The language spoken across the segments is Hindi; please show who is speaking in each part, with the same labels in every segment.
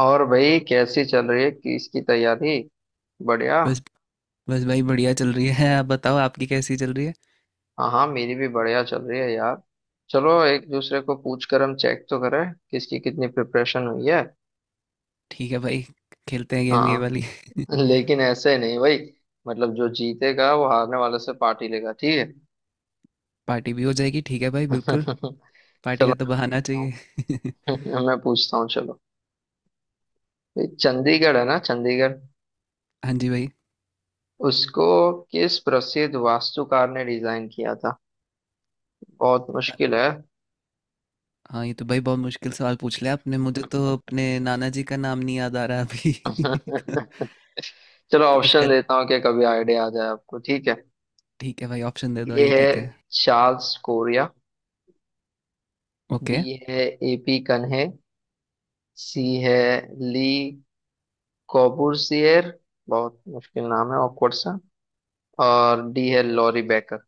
Speaker 1: और भाई कैसी चल रही है किस की तैयारी। बढ़िया।
Speaker 2: बस बस भाई बढ़िया चल रही है। आप बताओ आपकी कैसी चल रही है।
Speaker 1: हाँ हाँ, मेरी भी बढ़िया चल रही है यार। चलो एक दूसरे को पूछ कर हम चेक तो करें किसकी कितनी प्रिपरेशन हुई है।
Speaker 2: ठीक है भाई। खेलते हैं गेम ये
Speaker 1: हाँ।
Speaker 2: वाली।
Speaker 1: लेकिन ऐसे नहीं भाई, मतलब जो जीतेगा वो हारने वाले से पार्टी लेगा, ठीक है।
Speaker 2: पार्टी भी हो जाएगी ठीक है भाई बिल्कुल। पार्टी
Speaker 1: चलो
Speaker 2: का तो
Speaker 1: मैं
Speaker 2: बहाना
Speaker 1: पूछता
Speaker 2: चाहिए।
Speaker 1: हूँ मैं पूछता हूँ चलो। ये चंडीगढ़ है ना, चंडीगढ़
Speaker 2: हाँ जी भाई।
Speaker 1: उसको किस प्रसिद्ध वास्तुकार ने डिजाइन किया था। बहुत
Speaker 2: अ-
Speaker 1: मुश्किल है।
Speaker 2: हाँ ये तो भाई बहुत मुश्किल सवाल पूछ लिया आपने। मुझे तो अपने नाना जी का नाम नहीं याद आ रहा अभी। तो
Speaker 1: चलो
Speaker 2: इसका
Speaker 1: ऑप्शन देता हूँ कि कभी आइडिया आ जाए आपको, ठीक है।
Speaker 2: ठीक है भाई ऑप्शन दे दो
Speaker 1: ए
Speaker 2: ये
Speaker 1: है
Speaker 2: ठीक है।
Speaker 1: चार्ल्स कोरिया,
Speaker 2: ओके
Speaker 1: बी है एपी कन्हे, सी है ली कोबूसिएर, बहुत मुश्किल नाम है ऑकवर्ड सा, और डी है लॉरी बेकर।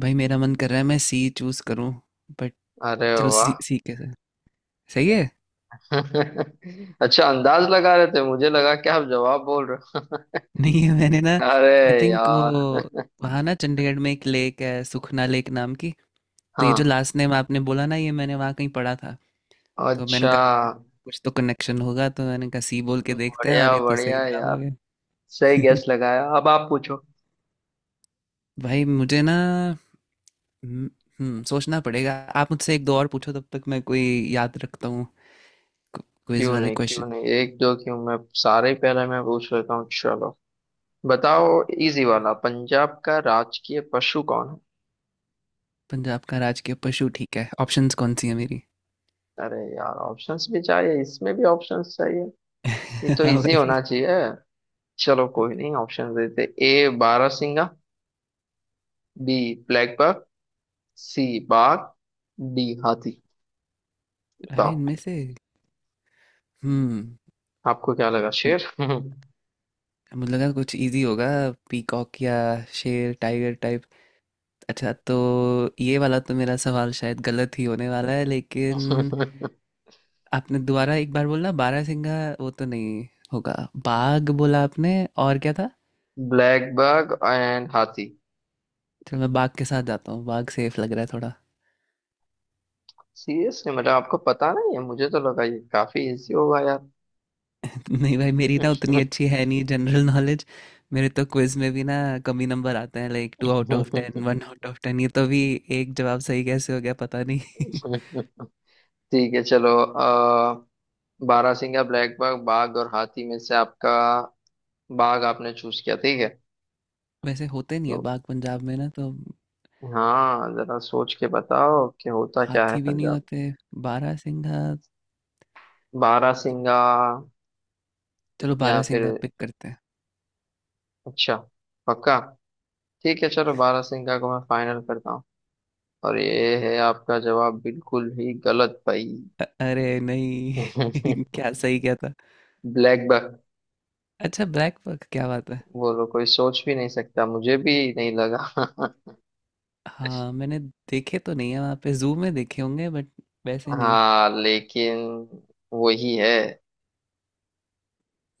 Speaker 2: भाई मेरा मन कर रहा है मैं सी चूज करूँ बट।
Speaker 1: अरे
Speaker 2: चलो
Speaker 1: वाह!
Speaker 2: सी सी कैसे। सही है।
Speaker 1: अच्छा, अंदाज लगा रहे थे, मुझे लगा कि आप जवाब बोल रहे हो।
Speaker 2: नहीं मैंने ना
Speaker 1: अरे
Speaker 2: आई थिंक वो
Speaker 1: यार।
Speaker 2: वहाँ ना चंडीगढ़ में एक लेक है सुखना लेक नाम की। तो ये जो
Speaker 1: हाँ।
Speaker 2: लास्ट नेम आपने बोला ना ये मैंने वहाँ कहीं पढ़ा था। तो मैंने
Speaker 1: अच्छा।
Speaker 2: कहा कुछ तो कनेक्शन होगा। तो मैंने कहा सी बोल के देखते हैं और
Speaker 1: बढ़िया
Speaker 2: ये तो सही
Speaker 1: बढ़िया
Speaker 2: जवाब हो
Speaker 1: यार,
Speaker 2: गया।
Speaker 1: सही गैस लगाया। अब आप पूछो।
Speaker 2: भाई मुझे ना हम्म सोचना पड़ेगा। आप मुझसे एक दो और पूछो तब तक मैं कोई याद रखता हूँ क्विज
Speaker 1: क्यों
Speaker 2: वाले
Speaker 1: नहीं
Speaker 2: क्वेश्चन।
Speaker 1: क्यों नहीं, एक दो क्यों, मैं सारे ही पहले मैं पूछ लेता हूँ चलो। बताओ। इजी वाला, पंजाब का राजकीय पशु कौन है।
Speaker 2: पंजाब का राजकीय पशु ठीक है ऑप्शंस कौन सी है मेरी।
Speaker 1: अरे यार, ऑप्शंस भी चाहिए, इसमें भी ऑप्शंस चाहिए। ये तो
Speaker 2: हाँ
Speaker 1: इजी
Speaker 2: भाई।
Speaker 1: होना चाहिए। चलो कोई नहीं, ऑप्शन देते। ए बारहसिंगा, बी ब्लैक बक, सी बाघ, डी हाथी।
Speaker 2: अरे
Speaker 1: बताओ।
Speaker 2: इनमें से हम्म
Speaker 1: आपको क्या लगा, शेर?
Speaker 2: मुझे लगा कुछ इजी होगा। पीकॉक या शेर टाइगर टाइप। अच्छा तो ये वाला तो मेरा सवाल शायद गलत ही होने वाला है लेकिन आपने दोबारा एक बार बोला बारहसिंगा वो तो नहीं होगा। बाघ बोला आपने और क्या था।
Speaker 1: ब्लैक बक एंड हाथी।
Speaker 2: चलो मैं बाघ के साथ जाता हूँ बाघ सेफ लग रहा है थोड़ा।
Speaker 1: सीरियसली, मतलब आपको पता नहीं है? मुझे तो लगा ये काफी इजी होगा यार।
Speaker 2: नहीं भाई मेरी ना उतनी अच्छी है नहीं जनरल नॉलेज। मेरे तो क्विज में भी ना कमी नंबर आते हैं like 2 out of 10 1 out of 10। ये तो भी एक जवाब सही कैसे हो गया पता नहीं।
Speaker 1: ठीक है, चलो बारहसिंगा, ब्लैक बाघ, बाघ और हाथी में से आपका बाघ, आपने चूज किया, ठीक है।
Speaker 2: वैसे होते नहीं है
Speaker 1: तो
Speaker 2: बाघ पंजाब में ना तो।
Speaker 1: हाँ, जरा सोच के बताओ कि होता क्या है
Speaker 2: हाथी भी नहीं
Speaker 1: पंजाब
Speaker 2: होते। बारहसिंघा
Speaker 1: में, बारहसिंगा
Speaker 2: चलो
Speaker 1: या फिर?
Speaker 2: बारहसिंघा पिक करते हैं।
Speaker 1: अच्छा, पक्का? ठीक है चलो, बारहसिंगा को मैं फाइनल करता हूँ, और ये है आपका जवाब बिल्कुल ही गलत भाई।
Speaker 2: अरे नहीं क्या सही क्या था।
Speaker 1: ब्लैक बक।
Speaker 2: अच्छा ब्लैक बक क्या बात है।
Speaker 1: बोलो, कोई सोच भी नहीं सकता, मुझे भी नहीं लगा।
Speaker 2: हाँ मैंने देखे तो नहीं है वहाँ पे जू में देखे होंगे बट वैसे नहीं।
Speaker 1: हाँ लेकिन वही है।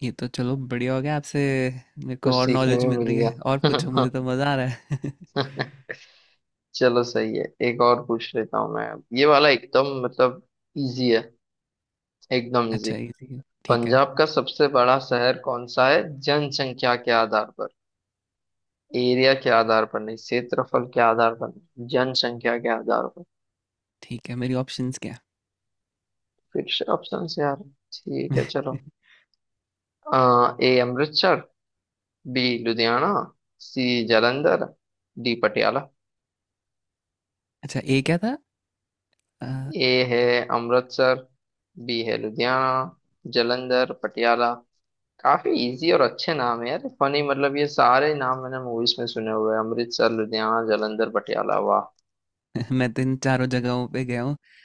Speaker 2: ये तो चलो बढ़िया हो गया आपसे। मेरे को
Speaker 1: कुछ
Speaker 2: और
Speaker 1: सीखने
Speaker 2: नॉलेज
Speaker 1: में
Speaker 2: मिल
Speaker 1: मिल
Speaker 2: रही है और पूछो
Speaker 1: गया।
Speaker 2: मुझे तो मज़ा आ रहा है।
Speaker 1: चलो सही है, एक और पूछ लेता हूँ मैं अब। ये वाला एकदम, मतलब इजी है, एकदम इजी।
Speaker 2: अच्छा इजी है ठीक है।
Speaker 1: पंजाब का सबसे बड़ा शहर कौन सा है जनसंख्या के आधार पर? एरिया के आधार पर नहीं, क्षेत्रफल के आधार पर नहीं, जनसंख्या के आधार पर।
Speaker 2: ठीक है मेरी ऑप्शंस क्या है।
Speaker 1: फिर से ऑप्शन से यार? ठीक है चलो आ, A Amritsar, B Ludhiana, C Jalandhar, D Patiala.
Speaker 2: अच्छा ए क्या था। आ,
Speaker 1: ए है अमृतसर, बी है लुधियाना, जलंधर, पटियाला। काफी इजी और अच्छे नाम है यार, फनी। मतलब ये सारे नाम मैंने मूवीज में सुने हुए हैं, अमृतसर, लुधियाना, जलंधर, पटियाला। वाह!
Speaker 2: मैं तो इन चारों जगहों पे गया।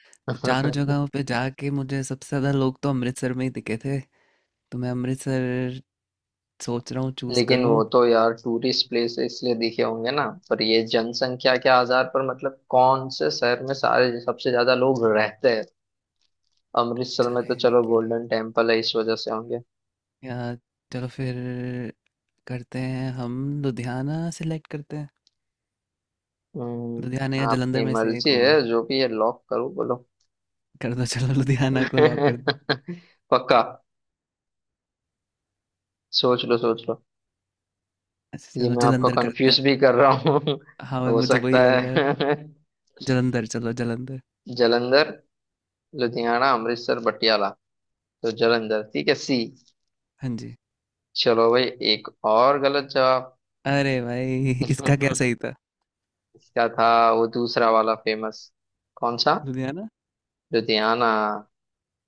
Speaker 2: चारों जगहों पे जाके मुझे सबसे ज़्यादा लोग तो अमृतसर में ही दिखे थे। तो मैं अमृतसर सोच रहा हूँ चूज़
Speaker 1: लेकिन
Speaker 2: करूँ।
Speaker 1: वो तो यार टूरिस्ट प्लेस इसलिए दिखे होंगे ना, पर ये जनसंख्या के आधार पर, मतलब कौन से शहर में सारे सबसे ज्यादा लोग रहते हैं। अमृतसर
Speaker 2: अच्छा
Speaker 1: में तो
Speaker 2: रहने
Speaker 1: चलो
Speaker 2: के लिए
Speaker 1: गोल्डन टेम्पल है, इस वजह से होंगे।
Speaker 2: या चलो फिर करते हैं हम लुधियाना सिलेक्ट करते हैं। लुधियाना या जलंधर
Speaker 1: आपकी
Speaker 2: में से एक
Speaker 1: मर्जी
Speaker 2: होगा।
Speaker 1: है, जो भी है लॉक करो, बोलो।
Speaker 2: कर दो चलो लुधियाना को लॉक कर दो।
Speaker 1: पक्का? सोच लो सोच लो।
Speaker 2: अच्छा
Speaker 1: ये
Speaker 2: चलो
Speaker 1: मैं आपको
Speaker 2: जलंधर करते
Speaker 1: कंफ्यूज भी
Speaker 2: हैं।
Speaker 1: कर रहा हूँ,
Speaker 2: हाँ भाई
Speaker 1: हो
Speaker 2: मुझे वही
Speaker 1: सकता
Speaker 2: लग रहा
Speaker 1: है।
Speaker 2: है। जलंधर चलो जलंधर।
Speaker 1: जलंधर, लुधियाना, अमृतसर, पटियाला, तो जलंधर ठीक है सी।
Speaker 2: हाँ जी।
Speaker 1: चलो भाई, एक और गलत जवाब।
Speaker 2: अरे भाई इसका क्या सही था।
Speaker 1: इसका था वो दूसरा वाला फेमस, कौन सा?
Speaker 2: लुधियाना।
Speaker 1: लुधियाना,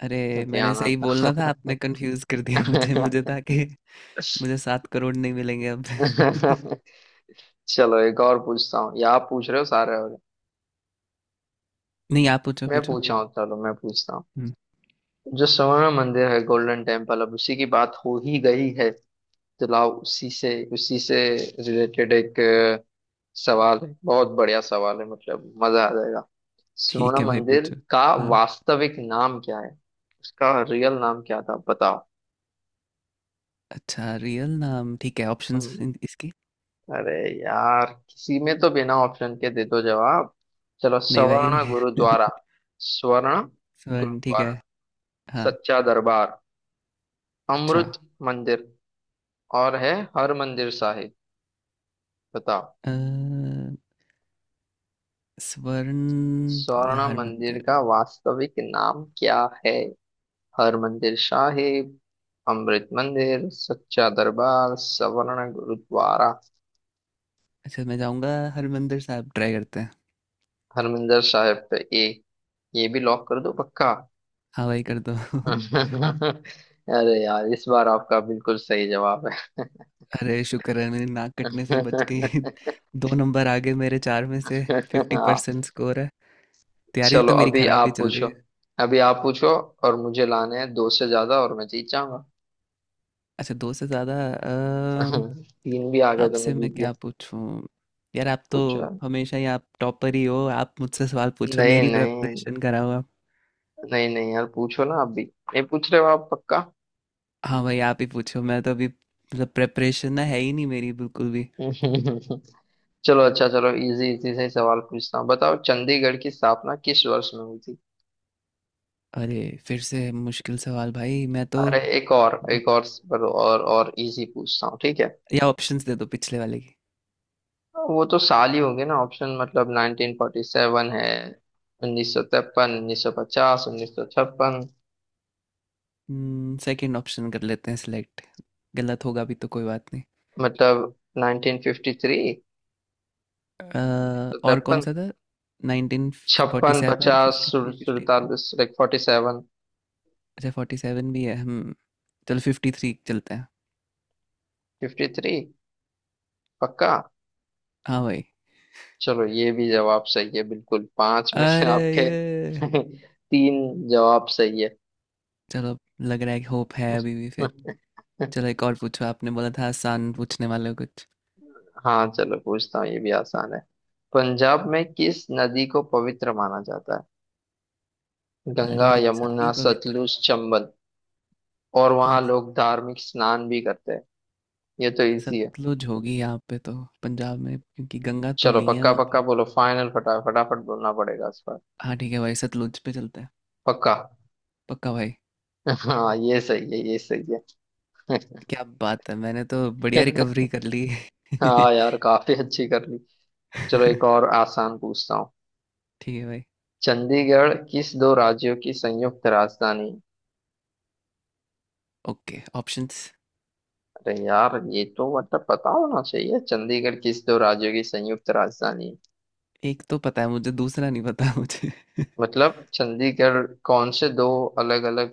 Speaker 2: अरे मैंने
Speaker 1: लुधियाना
Speaker 2: सही
Speaker 1: था।
Speaker 2: बोलना था आपने कंफ्यूज कर दिया मुझे मुझे था कि मुझे 7 करोड़ नहीं मिलेंगे अब।
Speaker 1: चलो एक और पूछता हूँ, या आप पूछ रहे हो सारे और?
Speaker 2: नहीं आप पूछो
Speaker 1: मैं
Speaker 2: पूछो।
Speaker 1: पूछा हूँ, चलो मैं पूछता हूँ।
Speaker 2: हम्म,
Speaker 1: जो स्वर्ण मंदिर है, गोल्डन टेम्पल, अब उसी की बात हो ही गई है, तो लाओ उसी से, रिलेटेड एक सवाल है। बहुत बढ़िया सवाल है, मतलब मजा आ जाएगा।
Speaker 2: ठीक
Speaker 1: स्वर्ण
Speaker 2: है भाई
Speaker 1: मंदिर
Speaker 2: पूछो।
Speaker 1: का
Speaker 2: हाँ।
Speaker 1: वास्तविक नाम क्या है? उसका रियल नाम क्या था, बताओ।
Speaker 2: अच्छा रियल नाम ठीक है ऑप्शंस इसकी।
Speaker 1: अरे यार, किसी में तो बिना ऑप्शन के दे दो जवाब। चलो
Speaker 2: नहीं
Speaker 1: सवर्ण
Speaker 2: भाई।
Speaker 1: गुरुद्वारा, स्वर्ण
Speaker 2: स्वर्ण ठीक है।
Speaker 1: गुरुद्वारा,
Speaker 2: हाँ।
Speaker 1: सच्चा दरबार,
Speaker 2: अच्छा
Speaker 1: अमृत मंदिर, और है हर मंदिर साहिब। बताओ।
Speaker 2: अ, स्वर्ण या
Speaker 1: स्वर्ण मंदिर का
Speaker 2: हरमंदिर।
Speaker 1: वास्तविक नाम क्या है? हर मंदिर साहिब, अमृत मंदिर, सच्चा दरबार, सवर्ण गुरुद्वारा।
Speaker 2: अच्छा मैं जाऊंगा हरमंदिर साहब ट्राई करते हैं।
Speaker 1: हर मंदिर साहिब पे ए? ये भी लॉक कर दो, पक्का?
Speaker 2: हाँ भाई कर दो।
Speaker 1: अरे यार, इस बार आपका बिल्कुल सही जवाब है।
Speaker 2: अरे शुक्र है मेरी नाक कटने से बच गई। दो नंबर आगे मेरे चार में से। फिफ्टी
Speaker 1: हाँ,
Speaker 2: परसेंट स्कोर है। तैयारी
Speaker 1: चलो
Speaker 2: तो मेरी
Speaker 1: अभी
Speaker 2: खराब ही
Speaker 1: आप
Speaker 2: चल रही
Speaker 1: पूछो,
Speaker 2: है।
Speaker 1: अभी आप पूछो। और मुझे लाने हैं दो से ज्यादा और मैं जीत जाऊंगा।
Speaker 2: अच्छा, 2 से ज़्यादा
Speaker 1: तीन भी आ गए तो मैं
Speaker 2: आपसे मैं
Speaker 1: जीत गया।
Speaker 2: क्या पूछूँ? यार आप तो
Speaker 1: पूछो यार।
Speaker 2: हमेशा ही आप टॉपर ही हो, आप मुझसे सवाल पूछो,
Speaker 1: नहीं
Speaker 2: मेरी
Speaker 1: नहीं,
Speaker 2: प्रिपरेशन कराओ आप।
Speaker 1: नहीं नहीं यार, पूछो ना आप भी। नहीं पूछ रहे हो आप, पक्का?
Speaker 2: हाँ भाई, आप ही पूछो, मैं तो अभी मतलब प्रिपरेशन ना है ही नहीं मेरी बिल्कुल भी।
Speaker 1: चलो अच्छा, चलो इजी इजी से ही सवाल पूछता हूँ। बताओ चंडीगढ़ की स्थापना किस वर्ष में हुई थी।
Speaker 2: अरे! फिर से मुश्किल सवाल भाई, मैं तो
Speaker 1: अरे एक और
Speaker 2: मु
Speaker 1: एक और, और इजी पूछता हूँ, ठीक है।
Speaker 2: या ऑप्शंस दे दो पिछले वाले की।
Speaker 1: वो तो साल ही होंगे ना ऑप्शन, मतलब 1947 है, 1953, 1950, 1956।
Speaker 2: सेकंड ऑप्शन कर लेते हैं सिलेक्ट, गलत होगा भी तो कोई बात नहीं।
Speaker 1: मतलब 1953।
Speaker 2: और
Speaker 1: 1953,
Speaker 2: कौन-सा था?
Speaker 1: 56,
Speaker 2: 1947,
Speaker 1: 50,
Speaker 2: 53, 55
Speaker 1: 47 लाइक 47,
Speaker 2: अच्छा 47 भी है चलो 53 चलते हैं।
Speaker 1: 53। पक्का?
Speaker 2: हाँ भाई।
Speaker 1: चलो ये भी जवाब सही है, बिल्कुल। पांच में से
Speaker 2: अरे
Speaker 1: आपके
Speaker 2: ये
Speaker 1: तीन जवाब सही है।
Speaker 2: चलो लग रहा है कि होप है अभी भी फिर। चलो एक और पूछो आपने बोला था आसान पूछने वाले हो कुछ।
Speaker 1: हाँ, चलो पूछता हूँ ये भी आसान है। पंजाब में किस नदी को पवित्र माना जाता है? गंगा,
Speaker 2: अरे
Speaker 1: यमुना,
Speaker 2: सारी पवित्र
Speaker 1: सतलुज,
Speaker 2: है।
Speaker 1: चंबल। और
Speaker 2: ये
Speaker 1: वहां लोग धार्मिक स्नान भी करते हैं, ये तो इजी है।
Speaker 2: सतलुज होगी यहाँ पे तो पंजाब में क्योंकि गंगा तो
Speaker 1: चलो
Speaker 2: नहीं है
Speaker 1: पक्का
Speaker 2: वहाँ पे।
Speaker 1: पक्का बोलो, फाइनल, फटा फटाफट बोलना पड़ेगा इस बार।
Speaker 2: हाँ ठीक है भाई सतलुज पे चलते हैं।
Speaker 1: पक्का?
Speaker 2: पक्का भाई।
Speaker 1: हाँ ये सही है, ये सही है।
Speaker 2: क्या बात है मैंने तो बढ़िया रिकवरी कर ली।
Speaker 1: हाँ यार, काफी अच्छी कर ली। चलो एक
Speaker 2: ठीक
Speaker 1: और आसान पूछता हूँ।
Speaker 2: है भाई।
Speaker 1: चंडीगढ़ किस दो राज्यों की संयुक्त राजधानी है?
Speaker 2: Okay options.
Speaker 1: अरे यार, ये तो मतलब पता होना चाहिए, चंडीगढ़ किस दो राज्यों की संयुक्त राजधानी है?
Speaker 2: एक तो पता है मुझे दूसरा नहीं पता मुझे।
Speaker 1: मतलब चंडीगढ़ कौन से दो अलग अलग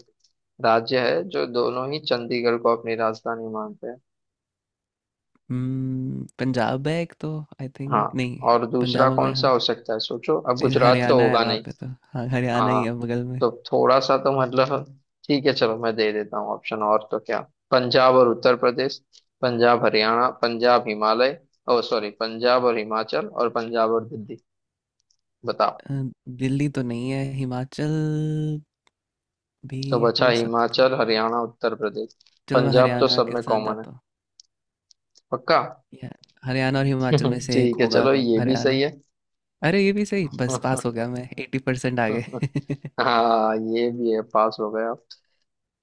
Speaker 1: राज्य है जो दोनों ही चंडीगढ़ को अपनी राजधानी मानते हैं।
Speaker 2: पंजाब है एक तो आई
Speaker 1: हाँ,
Speaker 2: थिंक नहीं,
Speaker 1: और दूसरा
Speaker 2: पंजाब हो
Speaker 1: कौन
Speaker 2: गया
Speaker 1: सा
Speaker 2: हाँ,
Speaker 1: हो सकता है, सोचो, अब
Speaker 2: फिर
Speaker 1: गुजरात तो
Speaker 2: हरियाणा है
Speaker 1: होगा
Speaker 2: वहाँ
Speaker 1: नहीं।
Speaker 2: पे तो हाँ, हरियाणा ही
Speaker 1: हाँ,
Speaker 2: है बगल में।
Speaker 1: तो थोड़ा सा तो मतलब ठीक है, चलो मैं दे देता हूँ ऑप्शन, और तो क्या। पंजाब और उत्तर प्रदेश, पंजाब हरियाणा, पंजाब हिमालय, ओ सॉरी, पंजाब और हिमाचल, और पंजाब और दिल्ली। बताओ।
Speaker 2: अ, दिल्ली तो नहीं है, हिमाचल भी
Speaker 1: तो बचा
Speaker 2: हो सकता है।
Speaker 1: हिमाचल, हरियाणा, उत्तर प्रदेश,
Speaker 2: चलो मैं
Speaker 1: पंजाब तो
Speaker 2: हरियाणा
Speaker 1: सब
Speaker 2: के
Speaker 1: में
Speaker 2: साथ
Speaker 1: कॉमन है।
Speaker 2: जाता हूँ।
Speaker 1: पक्का?
Speaker 2: या हरियाणा और हिमाचल में से एक
Speaker 1: ठीक है,
Speaker 2: होगा
Speaker 1: चलो
Speaker 2: तो
Speaker 1: ये भी
Speaker 2: हरियाणा।
Speaker 1: सही है।
Speaker 2: अरे ये भी सही, बस पास हो गया मैं 80% आ गए।
Speaker 1: हाँ ये भी है, पास हो गए आप।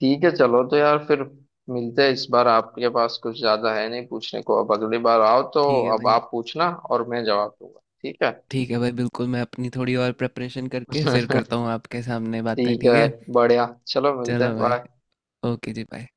Speaker 1: ठीक है चलो, तो यार फिर मिलते हैं, इस बार आपके पास कुछ ज्यादा है नहीं पूछने को, अब अगली बार आओ तो
Speaker 2: ठीक है
Speaker 1: अब
Speaker 2: भाई,
Speaker 1: आप पूछना और मैं जवाब दूंगा, ठीक है।
Speaker 2: ठीक है भाई बिल्कुल मैं अपनी थोड़ी और प्रिपरेशन करके फिर करता हूँ आपके सामने बातें,
Speaker 1: ठीक
Speaker 2: ठीक
Speaker 1: है,
Speaker 2: है?
Speaker 1: बढ़िया, चलो मिलते हैं,
Speaker 2: चलो भाई,
Speaker 1: बाय।
Speaker 2: ओके जी बाय।